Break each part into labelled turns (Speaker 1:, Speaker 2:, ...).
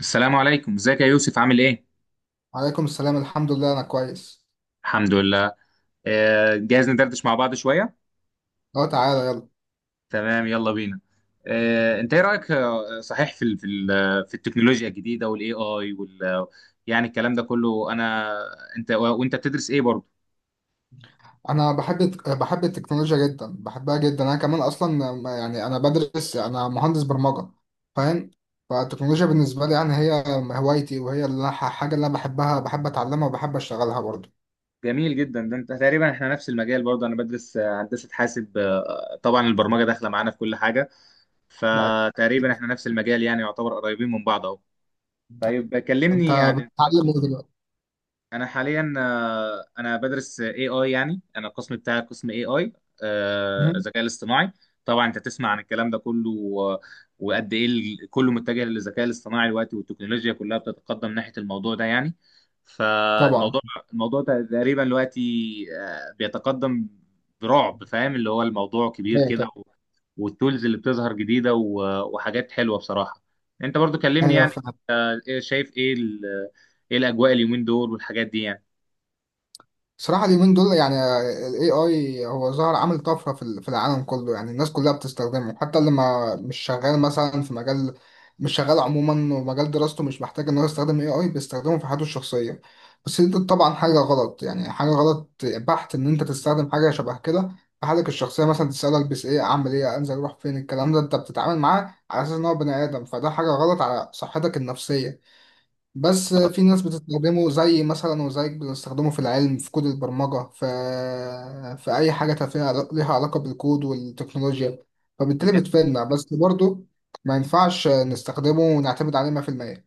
Speaker 1: السلام عليكم، ازيك يا يوسف، عامل ايه؟
Speaker 2: عليكم السلام، الحمد لله انا كويس.
Speaker 1: الحمد لله. جاهز ندردش مع بعض شويه.
Speaker 2: اه، تعالى يلا.
Speaker 1: تمام يلا بينا. انت ايه رايك صحيح في التكنولوجيا الجديده والاي اي وال... يعني الكلام ده كله انا انت بتدرس ايه برضه؟
Speaker 2: انا بحب التكنولوجيا جدا، بحبها جدا. انا كمان اصلا يعني انا بدرس، انا مهندس برمجة. فاهم. فالتكنولوجيا بالنسبة لي يعني هي هوايتي، وهي حاجة اللي انا بحبها، بحب اتعلمها وبحب اشتغلها برضه.
Speaker 1: جميل جدا، ده انت تقريبا احنا نفس المجال برضه، انا بدرس هندسه حاسب. طبعا البرمجه داخله معانا في كل حاجه.
Speaker 2: ده،
Speaker 1: فتقريبا
Speaker 2: اكيد.
Speaker 1: احنا نفس المجال، يعني يعتبر قريبين من بعض اهو. طيب
Speaker 2: انت
Speaker 1: كلمني يعني.
Speaker 2: بتتعلم ايه دلوقتي؟
Speaker 1: انا حاليا آه، انا بدرس اي اي، يعني انا القسم بتاعي قسم اي اي.
Speaker 2: مهم.
Speaker 1: الذكاء الاصطناعي. طبعا انت تسمع عن الكلام ده كله و... وقد ايه كله متجه للذكاء الاصطناعي دلوقتي، والتكنولوجيا كلها بتتقدم ناحية الموضوع ده يعني.
Speaker 2: طبعا.
Speaker 1: فالموضوع الموضوع ده تقريبا دلوقتي بيتقدم برعب، فاهم؟ اللي هو الموضوع كبير
Speaker 2: ايوه،
Speaker 1: كده
Speaker 2: طبعاً.
Speaker 1: والتولز اللي بتظهر جديدة، و- وحاجات حلوة بصراحة. انت برضو كلمني
Speaker 2: ايوه،
Speaker 1: يعني.
Speaker 2: فعلا.
Speaker 1: شايف ايه؟ ايه الاجواء اليومين دول والحاجات دي يعني؟
Speaker 2: صراحة اليومين دول، يعني ال AI هو ظهر عامل طفرة في العالم كله، يعني الناس كلها بتستخدمه، حتى اللي ما مش شغال مثلا في مجال، مش شغال عموما، ومجال دراسته مش محتاج إن هو يستخدم AI، بيستخدمه في حياته الشخصية. بس دي طبعا حاجة غلط، يعني حاجة غلط بحت إن أنت تستخدم حاجة شبه كده في حالك الشخصية، مثلا تسأله ألبس إيه، أعمل إيه، أنزل أروح فين. الكلام ده أنت بتتعامل معاه على أساس إن هو بني آدم، فده حاجة غلط على صحتك النفسية. بس في ناس بتستخدمه، زي مثلا وزيك بتستخدمه في العلم، في كود البرمجة، في أي حاجة تفيها ليها علاقة بالكود والتكنولوجيا.
Speaker 1: ده
Speaker 2: فبالتالي بتفيدنا، بس برضه ما ينفعش نستخدمه ونعتمد عليه 100%.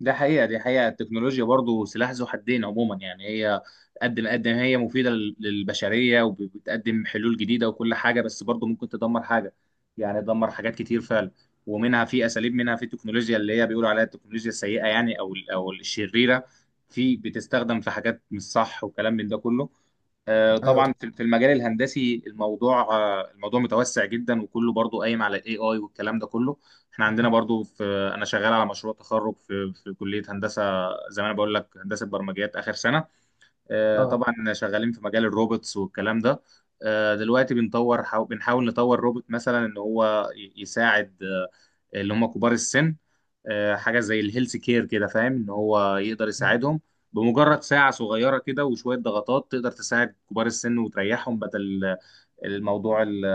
Speaker 1: ده حقيقه، دي حقيقه، التكنولوجيا برضو سلاح ذو حدين عموما، يعني هي قد ما هي مفيده للبشريه وبتقدم حلول جديده وكل حاجه، بس برضو ممكن تدمر حاجه. يعني تدمر حاجات كتير فعلا. ومنها في اساليب، منها في التكنولوجيا اللي هي بيقولوا عليها التكنولوجيا السيئه يعني، او الشريره. في بتستخدم في حاجات مش صح وكلام من ده كله.
Speaker 2: أيوه،
Speaker 1: طبعا
Speaker 2: طب.
Speaker 1: في المجال الهندسي، الموضوع متوسع جدا، وكله برضو قايم على الاي اي والكلام ده كله. احنا عندنا برضو في... انا شغال على مشروع تخرج في كليه هندسه، زي ما انا بقول لك، هندسه برمجيات اخر سنه.
Speaker 2: اه.
Speaker 1: طبعا شغالين في مجال الروبوتس والكلام ده. دلوقتي بنحاول نطور روبوت مثلا، ان هو يساعد اللي هم كبار السن. حاجه زي الهيلث كير كده، فاهم؟ ان هو يقدر يساعدهم، بمجرد ساعه صغيره كده وشويه ضغطات تقدر تساعد كبار السن وتريحهم، بدل الموضوع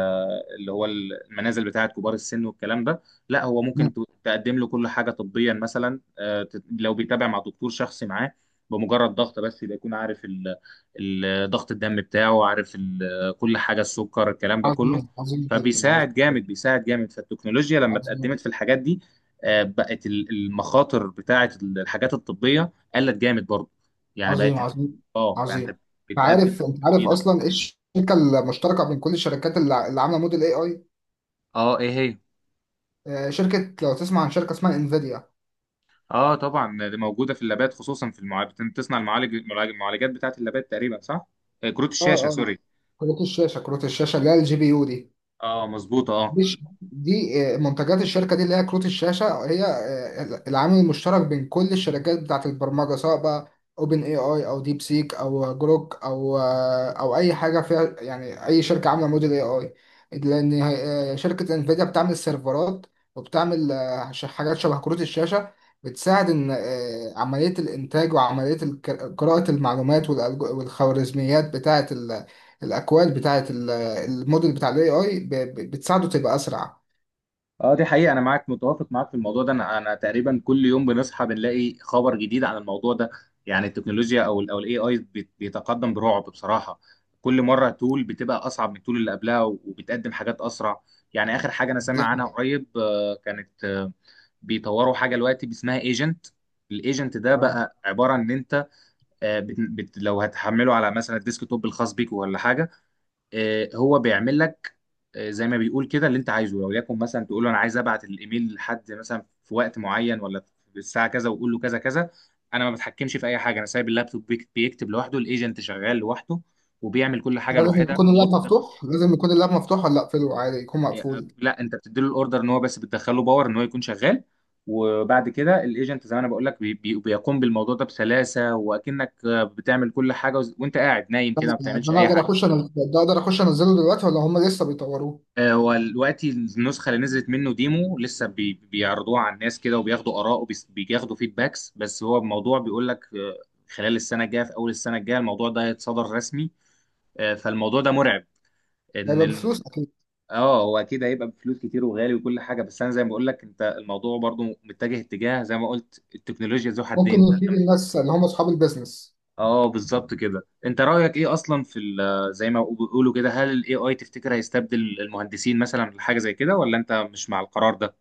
Speaker 1: اللي هو المنازل بتاعه كبار السن والكلام ده. لا، هو ممكن
Speaker 2: مم.
Speaker 1: تقدم له كل حاجه طبيا مثلا، لو بيتابع مع دكتور شخصي معاه بمجرد ضغط بس، يبقى يكون عارف ضغط الدم بتاعه، عارف كل حاجه، السكر، الكلام ده كله.
Speaker 2: عظيم، عظيم جدا، عظيم
Speaker 1: فبيساعد
Speaker 2: جدا.
Speaker 1: جامد بيساعد جامد. فالتكنولوجيا لما
Speaker 2: عظيم
Speaker 1: اتقدمت في الحاجات دي، بقت المخاطر بتاعه الحاجات الطبيه قلت جامد برضه، يعني بقت...
Speaker 2: عظيم، عظيم.
Speaker 1: اه يعني
Speaker 2: عظيم.
Speaker 1: انت
Speaker 2: انت
Speaker 1: بتقدم
Speaker 2: عارف انت عارف
Speaker 1: جديده.
Speaker 2: اصلا ايه الشركه المشتركه بين كل الشركات اللي عامله موديل اي اي؟
Speaker 1: اه، ايه هي؟
Speaker 2: شركه، لو تسمع عن شركه اسمها انفيديا.
Speaker 1: اه طبعا، دي موجوده في اللابات، خصوصا في المعالج، بتصنع المعالج المعالجات بتاعت اللابات تقريبا، صح؟ كروت
Speaker 2: اه،
Speaker 1: الشاشه،
Speaker 2: اه.
Speaker 1: سوري.
Speaker 2: كروت الشاشه، كروت الشاشه اللي هي الجي بي يو، دي.
Speaker 1: اه مظبوطه، اه.
Speaker 2: مش دي، منتجات الشركه دي اللي هي كروت الشاشه، هي العامل المشترك بين كل الشركات بتاعت البرمجه، سواء بقى اوبن اي اي، او ديب سيك، او جروك، او اي حاجه فيها، يعني اي شركه عامله موديل اي اي. لان شركه انفيديا بتعمل سيرفرات، وبتعمل حاجات شبه كروت الشاشه، بتساعد ان عمليه الانتاج وعمليه قراءه المعلومات، والخوارزميات بتاعه الاكواد بتاعه الموديل بتاع الاي اي، بتساعده تبقى اسرع.
Speaker 1: اه دي حقيقه، انا معاك، متوافق معاك في الموضوع ده. انا تقريبا كل يوم بنصحى بنلاقي خبر جديد عن الموضوع ده، يعني التكنولوجيا او الاي اي بيتقدم برعب بصراحه. كل مره تول بتبقى اصعب من التول اللي قبلها وبتقدم حاجات اسرع. يعني اخر حاجه انا
Speaker 2: دي
Speaker 1: سامع عنها
Speaker 2: حاجة.
Speaker 1: قريب كانت بيطوروا حاجه دلوقتي اسمها ايجنت. الايجنت ده
Speaker 2: آه.
Speaker 1: بقى عباره ان انت لو هتحمله على مثلا الديسك توب الخاص بيك ولا حاجه، هو بيعمل لك زي ما بيقول كده اللي انت عايزه. لو ليكن مثلا تقول له انا عايز ابعت الايميل لحد مثلا في وقت معين، ولا في الساعه كذا، وقول له كذا كذا. انا ما بتحكمش في اي حاجه، انا سايب اللابتوب بيكتب لوحده، الايجنت شغال لوحده وبيعمل كل حاجه
Speaker 2: لازم
Speaker 1: لوحدها
Speaker 2: يكون
Speaker 1: من غير
Speaker 2: اللاب
Speaker 1: تدخل.
Speaker 2: مفتوح لازم يكون اللاب مفتوح ولا اقفله عادي يكون مقفول؟
Speaker 1: لا، انت بتديله الاوردر ان هو بس، بتدخله باور ان هو يكون شغال، وبعد كده الايجنت زي ما انا بقول لك بي بي بيقوم بالموضوع ده بسلاسه، واكنك بتعمل كل حاجه، وانت قاعد نايم
Speaker 2: ده
Speaker 1: كده ما
Speaker 2: ده
Speaker 1: بتعملش اي حاجه.
Speaker 2: انا ده اقدر اخش انزله دلوقتي، ولا هم لسه بيطوروه؟
Speaker 1: والوقت النسخه اللي نزلت منه ديمو لسه، بيعرضوها على الناس كده وبياخدوا اراء وبياخدوا فيدباكس، بس هو الموضوع بيقول لك خلال السنه الجايه، في اول السنه الجايه، الموضوع ده هيتصدر رسمي. فالموضوع ده مرعب،
Speaker 2: ده يبقى
Speaker 1: ان...
Speaker 2: بفلوس اكيد.
Speaker 1: اه هو اكيد هيبقى بفلوس كتير وغالي وكل حاجه، بس انا زي ما بقول لك انت، الموضوع برضو متجه اتجاه زي ما قلت، التكنولوجيا ذو
Speaker 2: ممكن
Speaker 1: حدين.
Speaker 2: يفيد الناس اللي هم اصحاب البيزنس.
Speaker 1: اه بالظبط كده. انت رايك ايه اصلا زي ما بيقولوا كده، هل الاي اي تفتكر هيستبدل المهندسين مثلا في حاجه زي كده، ولا انت مش مع القرار ده؟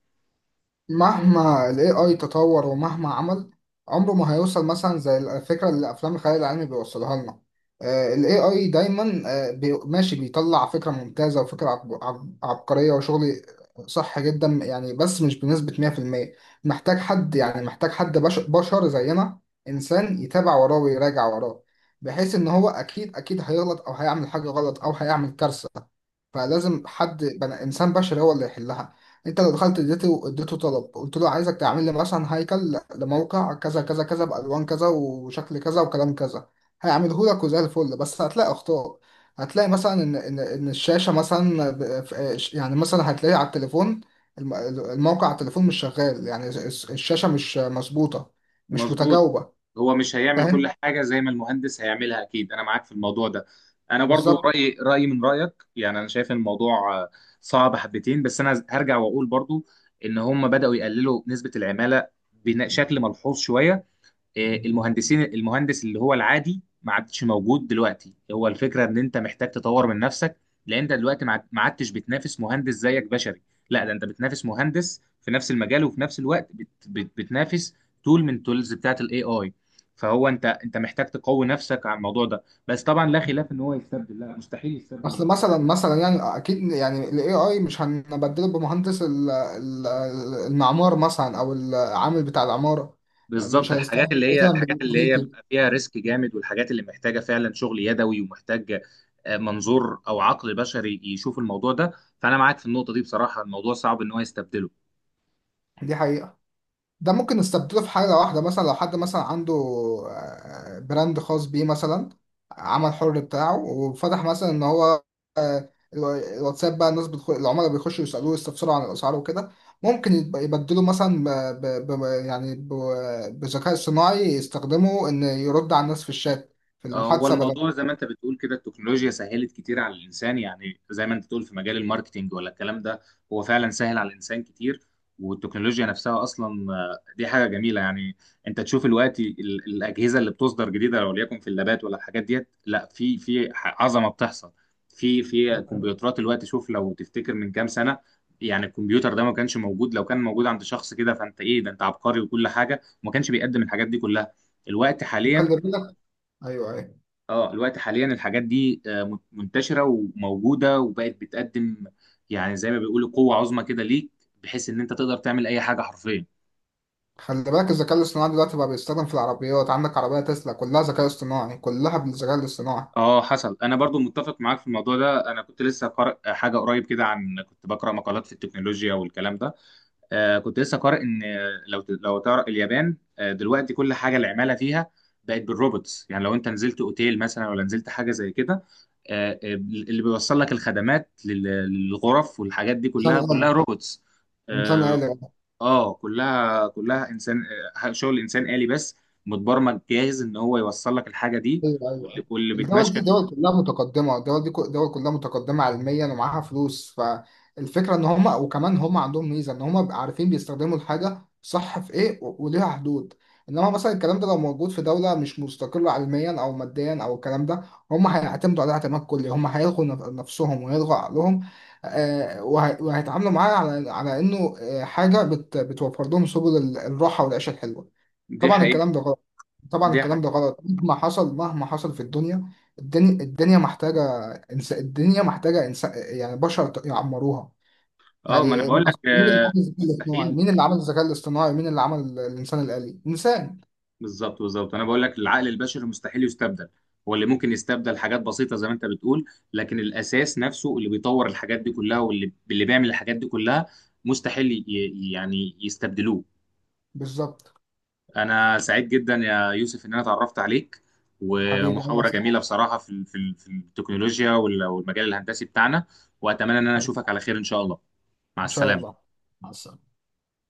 Speaker 2: مهما ال AI تطور، ومهما عمل، عمره ما هيوصل مثلا زي الفكرة اللي أفلام الخيال العلمي بيوصلها لنا. ال AI دايما ماشي، بيطلع فكرة ممتازة، وفكرة عبقرية وشغل صح جدا يعني، بس مش بنسبة 100%. محتاج حد، يعني محتاج حد بشر زينا، إنسان يتابع وراه ويراجع وراه، بحيث إن هو أكيد، أكيد هيغلط، أو هيعمل حاجة غلط، أو هيعمل كارثة. فلازم حد بنا، انسان بشري، هو اللي يحلها. انت لو دخلت اديته طلب، قلت له عايزك تعمل لي مثلا هيكل لموقع كذا كذا كذا، بالوان كذا، وشكل كذا، وكلام كذا، هيعمله لك وزي الفل، بس هتلاقي اخطاء. هتلاقي مثلا ان الشاشه مثلا يعني مثلا هتلاقي على التليفون الم- الموقع على التليفون مش شغال، يعني الشاشه مش مظبوطه، مش
Speaker 1: مظبوط.
Speaker 2: متجاوبه.
Speaker 1: هو مش هيعمل كل
Speaker 2: فاهم.
Speaker 1: حاجة زي ما المهندس هيعملها، أكيد أنا معاك في الموضوع ده. أنا برضو
Speaker 2: بالظبط.
Speaker 1: رأيي من رأيك، يعني أنا شايف إن الموضوع صعب حبتين، بس أنا هرجع وأقول برضو إن هم بدأوا يقللوا نسبة العمالة بشكل ملحوظ شوية. المهندس اللي هو العادي ما عادش موجود دلوقتي، هو الفكره ان انت محتاج تطور من نفسك، لان انت دلوقتي ما عادتش بتنافس مهندس زيك بشري. لا ده انت بتنافس مهندس في نفس المجال، وفي نفس الوقت بت بت بتنافس تول من تولز بتاعت الاي اي. فهو انت محتاج تقوي نفسك على الموضوع ده، بس طبعا لا خلاف، ان هو يستبدل؟ لا، مستحيل يستبدل.
Speaker 2: اصل مثلا يعني اكيد، يعني الاي اي مش هنبدله بمهندس المعمار مثلا، او العامل بتاع العمارة،
Speaker 1: بالظبط،
Speaker 2: مش هيستخدم مثلا
Speaker 1: الحاجات اللي هي
Speaker 2: بالكمبيوتر.
Speaker 1: بيبقى فيها ريسك جامد، والحاجات اللي محتاجه فعلا شغل يدوي، ومحتاج منظور او عقل بشري يشوف الموضوع ده. فانا معاك في النقطه دي بصراحه، الموضوع صعب ان هو يستبدله.
Speaker 2: دي حقيقة. ده ممكن نستبدله في حاجة واحدة، مثلا لو حد مثلا عنده براند خاص بيه مثلا، عمل حر بتاعه، وفتح مثلا ان هو الواتساب بقى، الناس بتخش، العملاء بيخشوا يسألوه يستفسروا عن الأسعار وكده. ممكن يبدله مثلا يعني بذكاء صناعي يستخدمه ان يرد على الناس في الشات، في
Speaker 1: هو
Speaker 2: المحادثة، بدل.
Speaker 1: الموضوع زي ما انت بتقول كده، التكنولوجيا سهلت كتير على الانسان، يعني زي ما انت بتقول في مجال الماركتينج ولا الكلام ده، هو فعلا سهل على الانسان كتير. والتكنولوجيا نفسها اصلا دي حاجه جميله يعني. انت تشوف الوقت الاجهزه اللي بتصدر جديده، لو ليكن في اللابات ولا الحاجات ديت، لا عظمه بتحصل في كمبيوترات الوقت. شوف لو تفتكر من كام سنه، يعني الكمبيوتر ده ما كانش موجود، لو كان موجود عند شخص كده فانت ايه ده، انت عبقري وكل حاجه، وما كانش بيقدم الحاجات دي كلها. الوقت حاليا،
Speaker 2: وخلي بالك. ايوه، ايوه.
Speaker 1: اه الوقت حاليا الحاجات دي منتشره وموجوده وبقت بتقدم، يعني زي ما بيقولوا قوه عظمى كده ليك، بحيث ان انت تقدر تعمل اي حاجه حرفيا.
Speaker 2: خلي بالك، الذكاء الاصطناعي دلوقتي بقى بيستخدم في العربيات، عندك عربية تسلا كلها ذكاء اصطناعي، كلها بالذكاء الاصطناعي.
Speaker 1: اه حصل، انا برضو متفق معاك في الموضوع ده. انا كنت لسه قارئ حاجه قريب كده، عن كنت بقرا مقالات في التكنولوجيا والكلام ده. كنت لسه قارئ ان لو تعرف اليابان دلوقتي كل حاجه العماله فيها بقت بالروبوتس. يعني لو انت نزلت اوتيل مثلا ولا نزلت حاجه زي كده، اللي بيوصل لك الخدمات للغرف والحاجات دي كلها، كلها
Speaker 2: ثانية.
Speaker 1: روبوتس.
Speaker 2: انسان
Speaker 1: اه،
Speaker 2: آلي.
Speaker 1: كلها كلها انسان، شغل انسان آلي بس، متبرمج جاهز ان هو يوصل لك الحاجه دي
Speaker 2: ايوه، ايوه.
Speaker 1: واللي بيتمشى في...
Speaker 2: الدول دي دول كلها متقدمه علميا، ومعاها فلوس. فالفكره ان هم، وكمان هم عندهم ميزه، ان هم بيبقوا عارفين بيستخدموا الحاجه صح في ايه، وليها حدود. انما مثلا، الكلام ده لو موجود في دوله مش مستقله علميا او ماديا، او الكلام ده هم هيعتمدوا عليها اعتماد كلي، هم هيلغوا نفسهم، وهيلغوا عقلهم، وهيتعاملوا معاها على انه آه، حاجه بت- بتوفر لهم سبل الراحه والعيشه الحلوه.
Speaker 1: دي
Speaker 2: طبعا
Speaker 1: حقيقه،
Speaker 2: الكلام ده غلط. طبعا
Speaker 1: دي
Speaker 2: الكلام
Speaker 1: حقيقه.
Speaker 2: ده غلط مهما حصل، مهما حصل في الدنيا. الدنيا محتاجة الدنيا محتاجة يعني بشر يعمروها.
Speaker 1: اه ما
Speaker 2: يعني
Speaker 1: انا بقول لك
Speaker 2: أصل، مين اللي عمل الذكاء الاصطناعي،
Speaker 1: مستحيل.
Speaker 2: مين اللي عمل الذكاء الاصطناعي، مين اللي عمل الإنسان الآلي، إنسان.
Speaker 1: بالظبط، بالظبط، انا بقول لك العقل البشري مستحيل يستبدل. هو اللي ممكن يستبدل حاجات بسيطه زي ما انت بتقول، لكن الاساس نفسه اللي بيطور الحاجات دي كلها، واللي بيعمل الحاجات دي كلها، مستحيل يعني يستبدلوه.
Speaker 2: بالظبط.
Speaker 1: انا سعيد جدا يا يوسف ان انا اتعرفت عليك،
Speaker 2: حبيبي، أنا
Speaker 1: ومحاورة
Speaker 2: أصلا.
Speaker 1: جميلة بصراحة في التكنولوجيا وال- والمجال الهندسي بتاعنا. واتمنى ان انا
Speaker 2: حبيبي.
Speaker 1: اشوفك على خير ان شاء الله. مع
Speaker 2: إن شاء الله.
Speaker 1: السلامة.
Speaker 2: مع السلامة.